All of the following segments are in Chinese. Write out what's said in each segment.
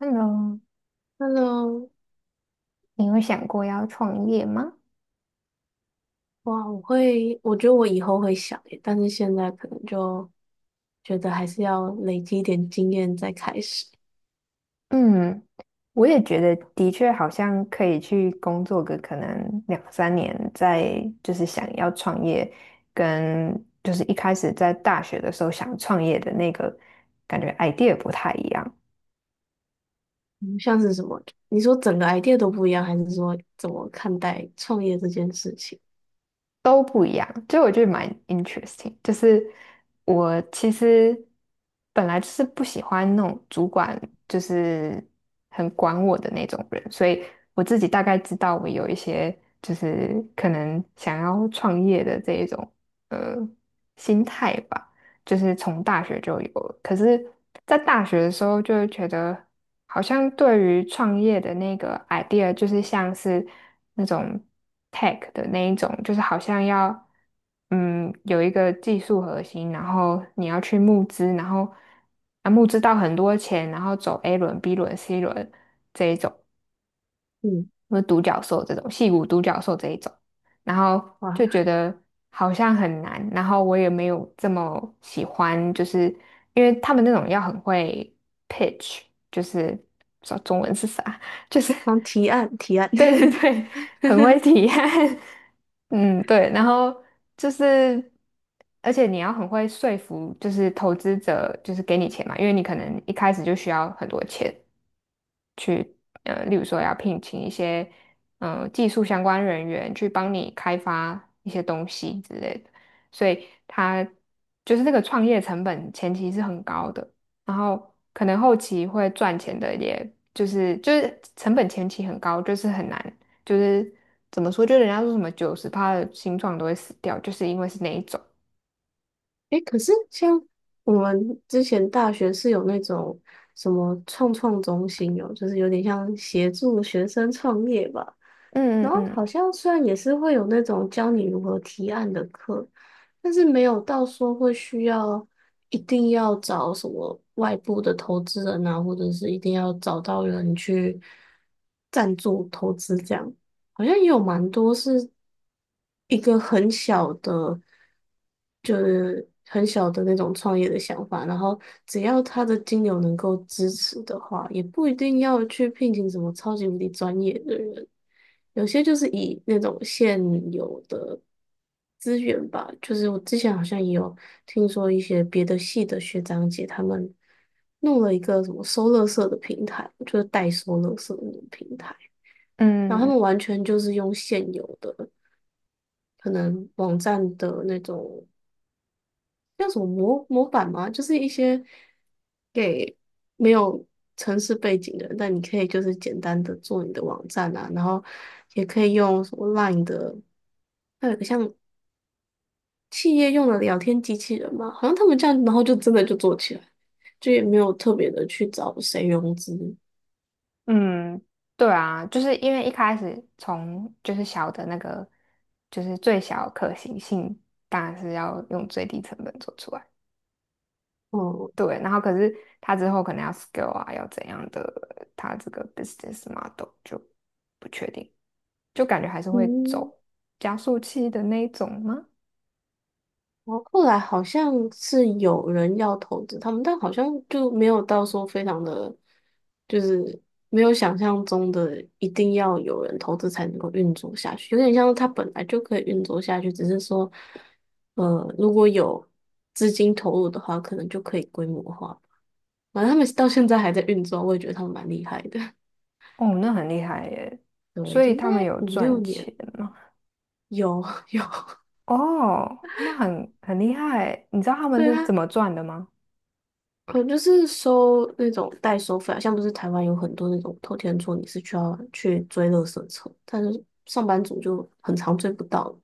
Hello，Hello。你有想过要创业吗？哇，我会，我觉得我以后会想耶，但是现在可能就觉得还是要累积一点经验再开始。嗯，我也觉得的确好像可以去工作个可能两三年，再就是想要创业，跟就是一开始在大学的时候想创业的那个感觉 idea 不太一样。嗯，像是什么？你说整个 idea 都不一样，还是说怎么看待创业这件事情？都不一样，就我觉得蛮 interesting。就是我其实本来就是不喜欢那种主管就是很管我的那种人，所以我自己大概知道我有一些就是可能想要创业的这一种呃心态吧。就是从大学就有了。可是，在大学的时候，就会觉得好像对于创业的那个 idea，就是像是那种 tech 的那一种，就是好像要有一个技术核心，然后你要去募资，然后募资到很多钱，然后走 A 轮、B 轮、C 轮这一种。嗯。或者独角兽这种，戏骨独角兽这一种，然后就哇，觉得好像很难，然后我也没有这么喜欢，就是因为他们那种要很会 pitch，就是说中文是啥，就是帮提案提案。对对对，很会体 验，嗯，对，然后就是而且你要很会说服，就是投资者就是给你钱嘛，因为你可能一开始就需要很多钱。例如说要聘请一些技术相关人员去帮你开发一些东西之类的，所以他就是这个创业成本前期是很高的，然后可能后期会赚钱的也就是成本前期很高，就是很难，就是怎么说，就人家说什么90%的新创都会死掉，就是因为是那一种，诶，可是像我们之前大学是有那种什么创创中心哦，就是有点像协助学生创业吧。嗯然嗯后嗯好像虽然也是会有那种教你如何提案的课，但是没有到说会需要一定要找什么外部的投资人啊，或者是一定要找到人去赞助投资这样，好像也有蛮多是一个很小的。很小的那种创业的想法，然后只要他的金流能够支持的话，也不一定要去聘请什么超级无敌专业的人，有些就是以那种现有的资源吧，就是我之前好像也有听说一些别的系的学长姐他们弄了一个什么收乐圾的平台，就是代收乐圾的那种平台，然后他嗯。们完全就是用现有的可能网站的那种。叫什么模板吗？就是一些给没有城市背景的人，但你可以就是简单的做你的网站啊，然后也可以用什么 Line 的，还有一个像企业用的聊天机器人嘛，好像他们这样，然后就真的就做起来，就也没有特别的去找谁融资。嗯，对啊，就是因为一开始从就是小的那个，就是最小可行性，当然是要用最低成本做出来。哦，对，然后可是它之后可能要 scale 啊，要怎样的，它这个 business model 就不确定，就感觉还是会嗯。走加速器的那一种吗？然后后来好像是有人要投资他们，但好像就没有到说非常的，就是没有想象中的一定要有人投资才能够运作下去，有点像是它本来就可以运作下去，只是说，如果有资金投入的话，可能就可以规模化。反正他们到现在还在运作，我也觉得他们蛮厉害的。哦，那很厉害耶！对，已所以经大他概们有五六赚年钱吗？有。 有，哦，那很厉害耶，你知道他们对是怎啊。么赚的吗？能就是收那种代收费啊，像不是台湾有很多那种偷天厝，你是需要去追垃圾车，但是上班族就很常追不到，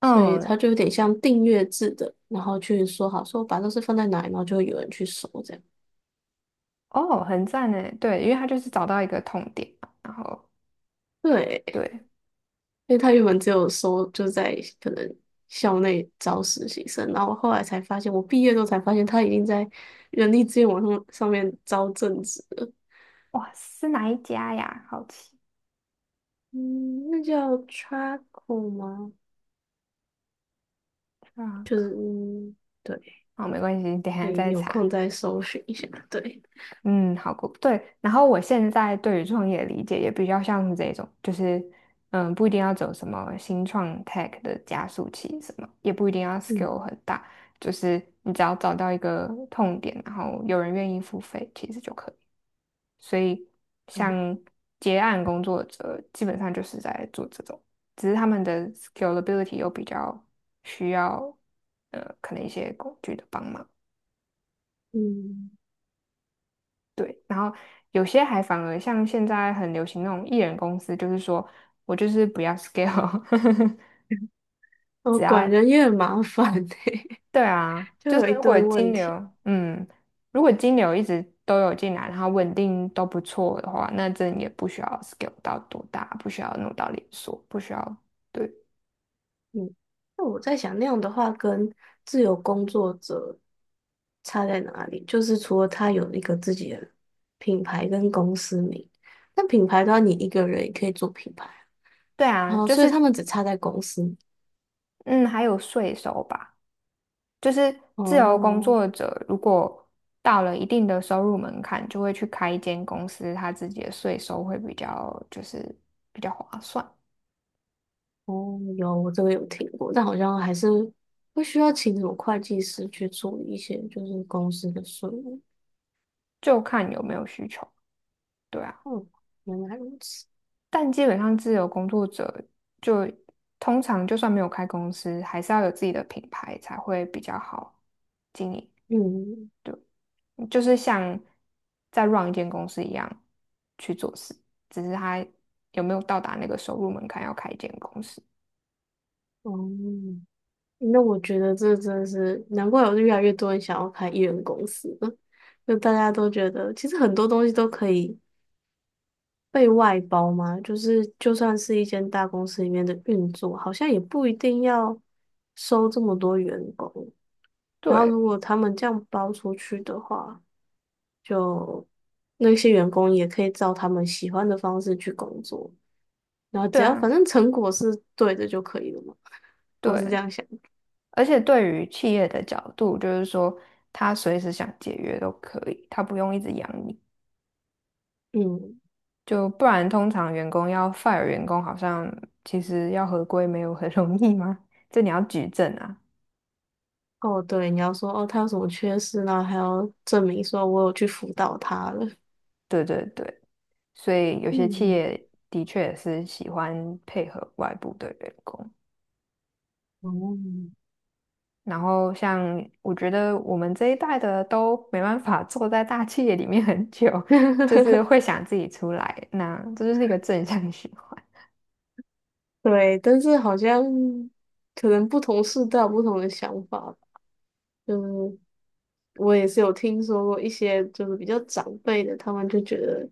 所以嗯，他就有点像订阅制的，然后去说好说把垃圾放在哪里，然后就会有人去收这样。哦，很赞呢，对，因为他就是找到一个痛点嘛，然后对，对，因为他原本只有收就在可能校内招实习生，然后后来才发现，我毕业之后才发现他已经在人力资源网上面招正职了。哇，是哪一家呀？好奇嗯，那叫 Traco 吗？啊，就是嗯，对，好，没关系，等一可下以再有查。空再搜寻一下。对。嗯，好，过，对。然后我现在对于创业的理解也比较像是这种，就是不一定要走什么新创 tech 的加速器，什么也不一定要 嗯 skill 很大，就是你只要找到一个痛点，然后有人愿意付费，其实就可以。所以像结案工作者，基本上就是在做这种，只是他们的 scalability 又比较需要，可能一些工具的帮忙。嗯。对，然后有些还反而像现在很流行那种艺人公司，就是说我就是不要 scale，哦，只管要人也很麻烦欸。对啊，就就是有一如果堆金问题。流，如果金流一直都有进来，然后稳定都不错的话，那真的也不需要 scale 到多大，不需要弄到连锁，不需要。对。嗯，那我在想，那样的话跟自由工作者差在哪里？就是除了他有一个自己的品牌跟公司名，但品牌的话，你一个人也可以做品牌。对啊，哦，就所以他是们只差在公司。嗯，还有税收吧，就是自由工哦。作者如果到了一定的收入门槛，就会去开一间公司，他自己的税收会比较就是比较划算，哦，有，我这个有听过，但好像还是会需要请什么会计师去处理一些就是公司的税务。就看有没有需求。对啊，嗯，原来如此。但基本上自由工作者就通常就算没有开公司，还是要有自己的品牌才会比较好经营。嗯。就是像在 run 一间公司一样去做事，只是他有没有到达那个收入门槛要开一间公司。哦，那我觉得这真的是难怪，有越来越多人想要开艺人公司了，就大家都觉得其实很多东西都可以被外包嘛，就是就算是一间大公司里面的运作，好像也不一定要收这么多员工。然后对，如果他们这样包出去的话，就那些员工也可以照他们喜欢的方式去工作，然后只对要反啊，正成果是对的就可以了嘛。我是这对，样想。而且对于企业的角度，就是说他随时想解约都可以，他不用一直养你，嗯。就不然通常员工要 fire 员工，好像其实要合规没有很容易吗？这你要举证啊。哦，对，你要说哦，他有什么缺失，然后还要证明说我有去辅导他了。对对对，所以有些企嗯。业的确是喜欢配合外部的员工。哦，然后像我觉得我们这一代的都没办法坐在大企业里面很久，就是会想自己出来，那这就是一个正向循环。对，但是好像可能不同世代有不同的想法吧，就是。我也是有听说过一些就是比较长辈的，他们就觉得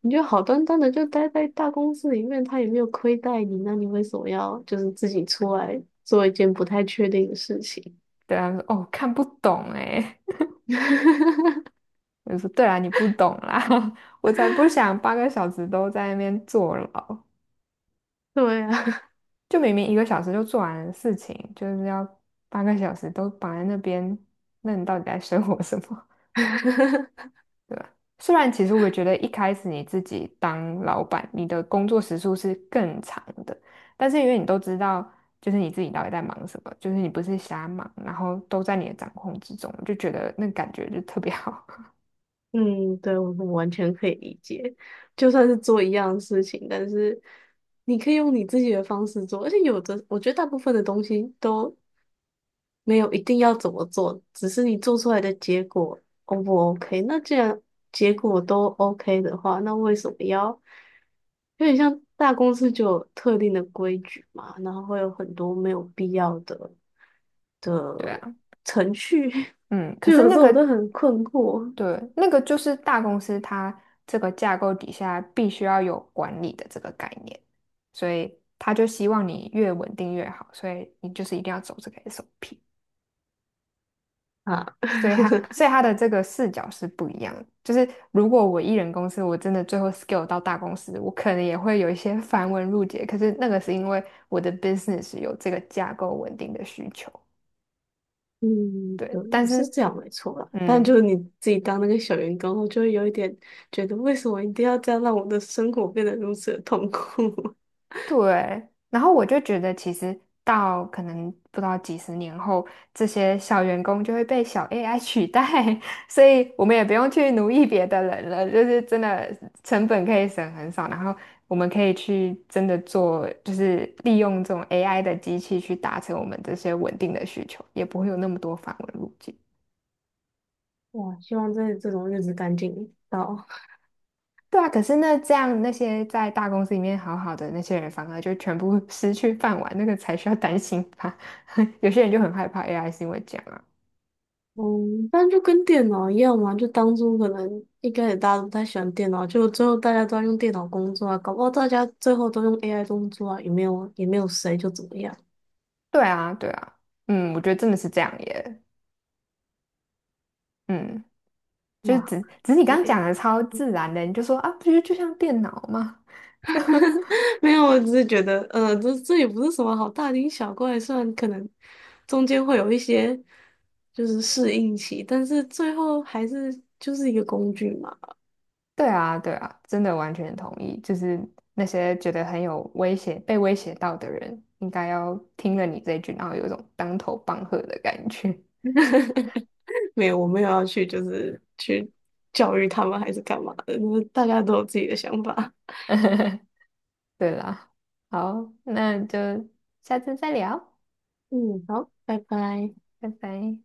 你就好端端的就待在大公司里面，他也没有亏待你，那你为什么要就是自己出来做一件不太确定的事情？对啊，说：“哦，看不懂哎。”我就说：“对啊，你不懂啦，我才不想8个小时都在那边坐牢，对啊。就明明1个小时就做完的事情，就是要八个小时都绑在那边，那你到底在生活什么？” 对吧？虽然其实我也觉得一开始你自己当老板，你的工作时数是更长的，但是因为你都知道，就是你自己到底在忙什么，就是你不是瞎忙，然后都在你的掌控之中，就觉得那个感觉就特别好。嗯，对，我完全可以理解，就算是做一样的事情，但是你可以用你自己的方式做，而且有的我觉得大部分的东西都没有一定要怎么做，只是你做出来的结果 O 不 OK?那既然结果都 OK 的话，那为什么要有点像大公司就有特定的规矩嘛？然后会有很多没有必要的对啊，程序，嗯，可就是有那时候个，我都很困惑对，那个就是大公司它这个架构底下必须要有管理的这个概念，所以他就希望你越稳定越好，所以你就是一定要走这个 SOP。啊。所以他的这个视角是不一样的。就是如果我一人公司，我真的最后 scale 到大公司，我可能也会有一些 繁文缛节。可是那个是因为我的 business 有这个架构稳定的需求，嗯，对。但对，是这是，样没错啦。但就嗯，是你自己当那个小员工后，就会有一点觉得，为什么一定要这样让我的生活变得如此的痛苦？对，然后我就觉得，其实到可能不知道几十年后，这些小员工就会被小 AI 取代，所以我们也不用去奴役别的人了，就是真的成本可以省很少，然后我们可以去真的做，就是利用这种 AI 的机器去达成我们这些稳定的需求，也不会有那么多繁文路径。哇，希望这种日子赶紧到。对啊，可是那这样那些在大公司里面好好的那些人，反而就全部 失去饭碗，那个才需要担心吧？有些人就很害怕 AI 是因为这样啊。嗯，但就跟电脑一样嘛，就当初可能一开始大家都不太喜欢电脑，就最后大家都要用电脑工作啊，搞不好大家最后都用 AI 工作啊，也没有谁就怎么样。对啊，对啊，嗯，我觉得真的是这样耶，嗯，就是哇，只是你刚刚对，讲的超 自然的，你就说啊，不就像电脑吗？没有，我只是觉得，这也不是什么好大惊小怪，虽然可能中间会有一些就是适应期，但是最后还是就是一个工具嘛。对啊，对啊，真的完全同意，就是那些觉得很有威胁、被威胁到的人，应该要听了你这一句，然后有一种当头棒喝的感觉。没有，我没有要去就是去教育他们还是干嘛的，就是大家都有自己的想法。对啦，好，那就下次再聊，嗯，好，拜拜。拜拜。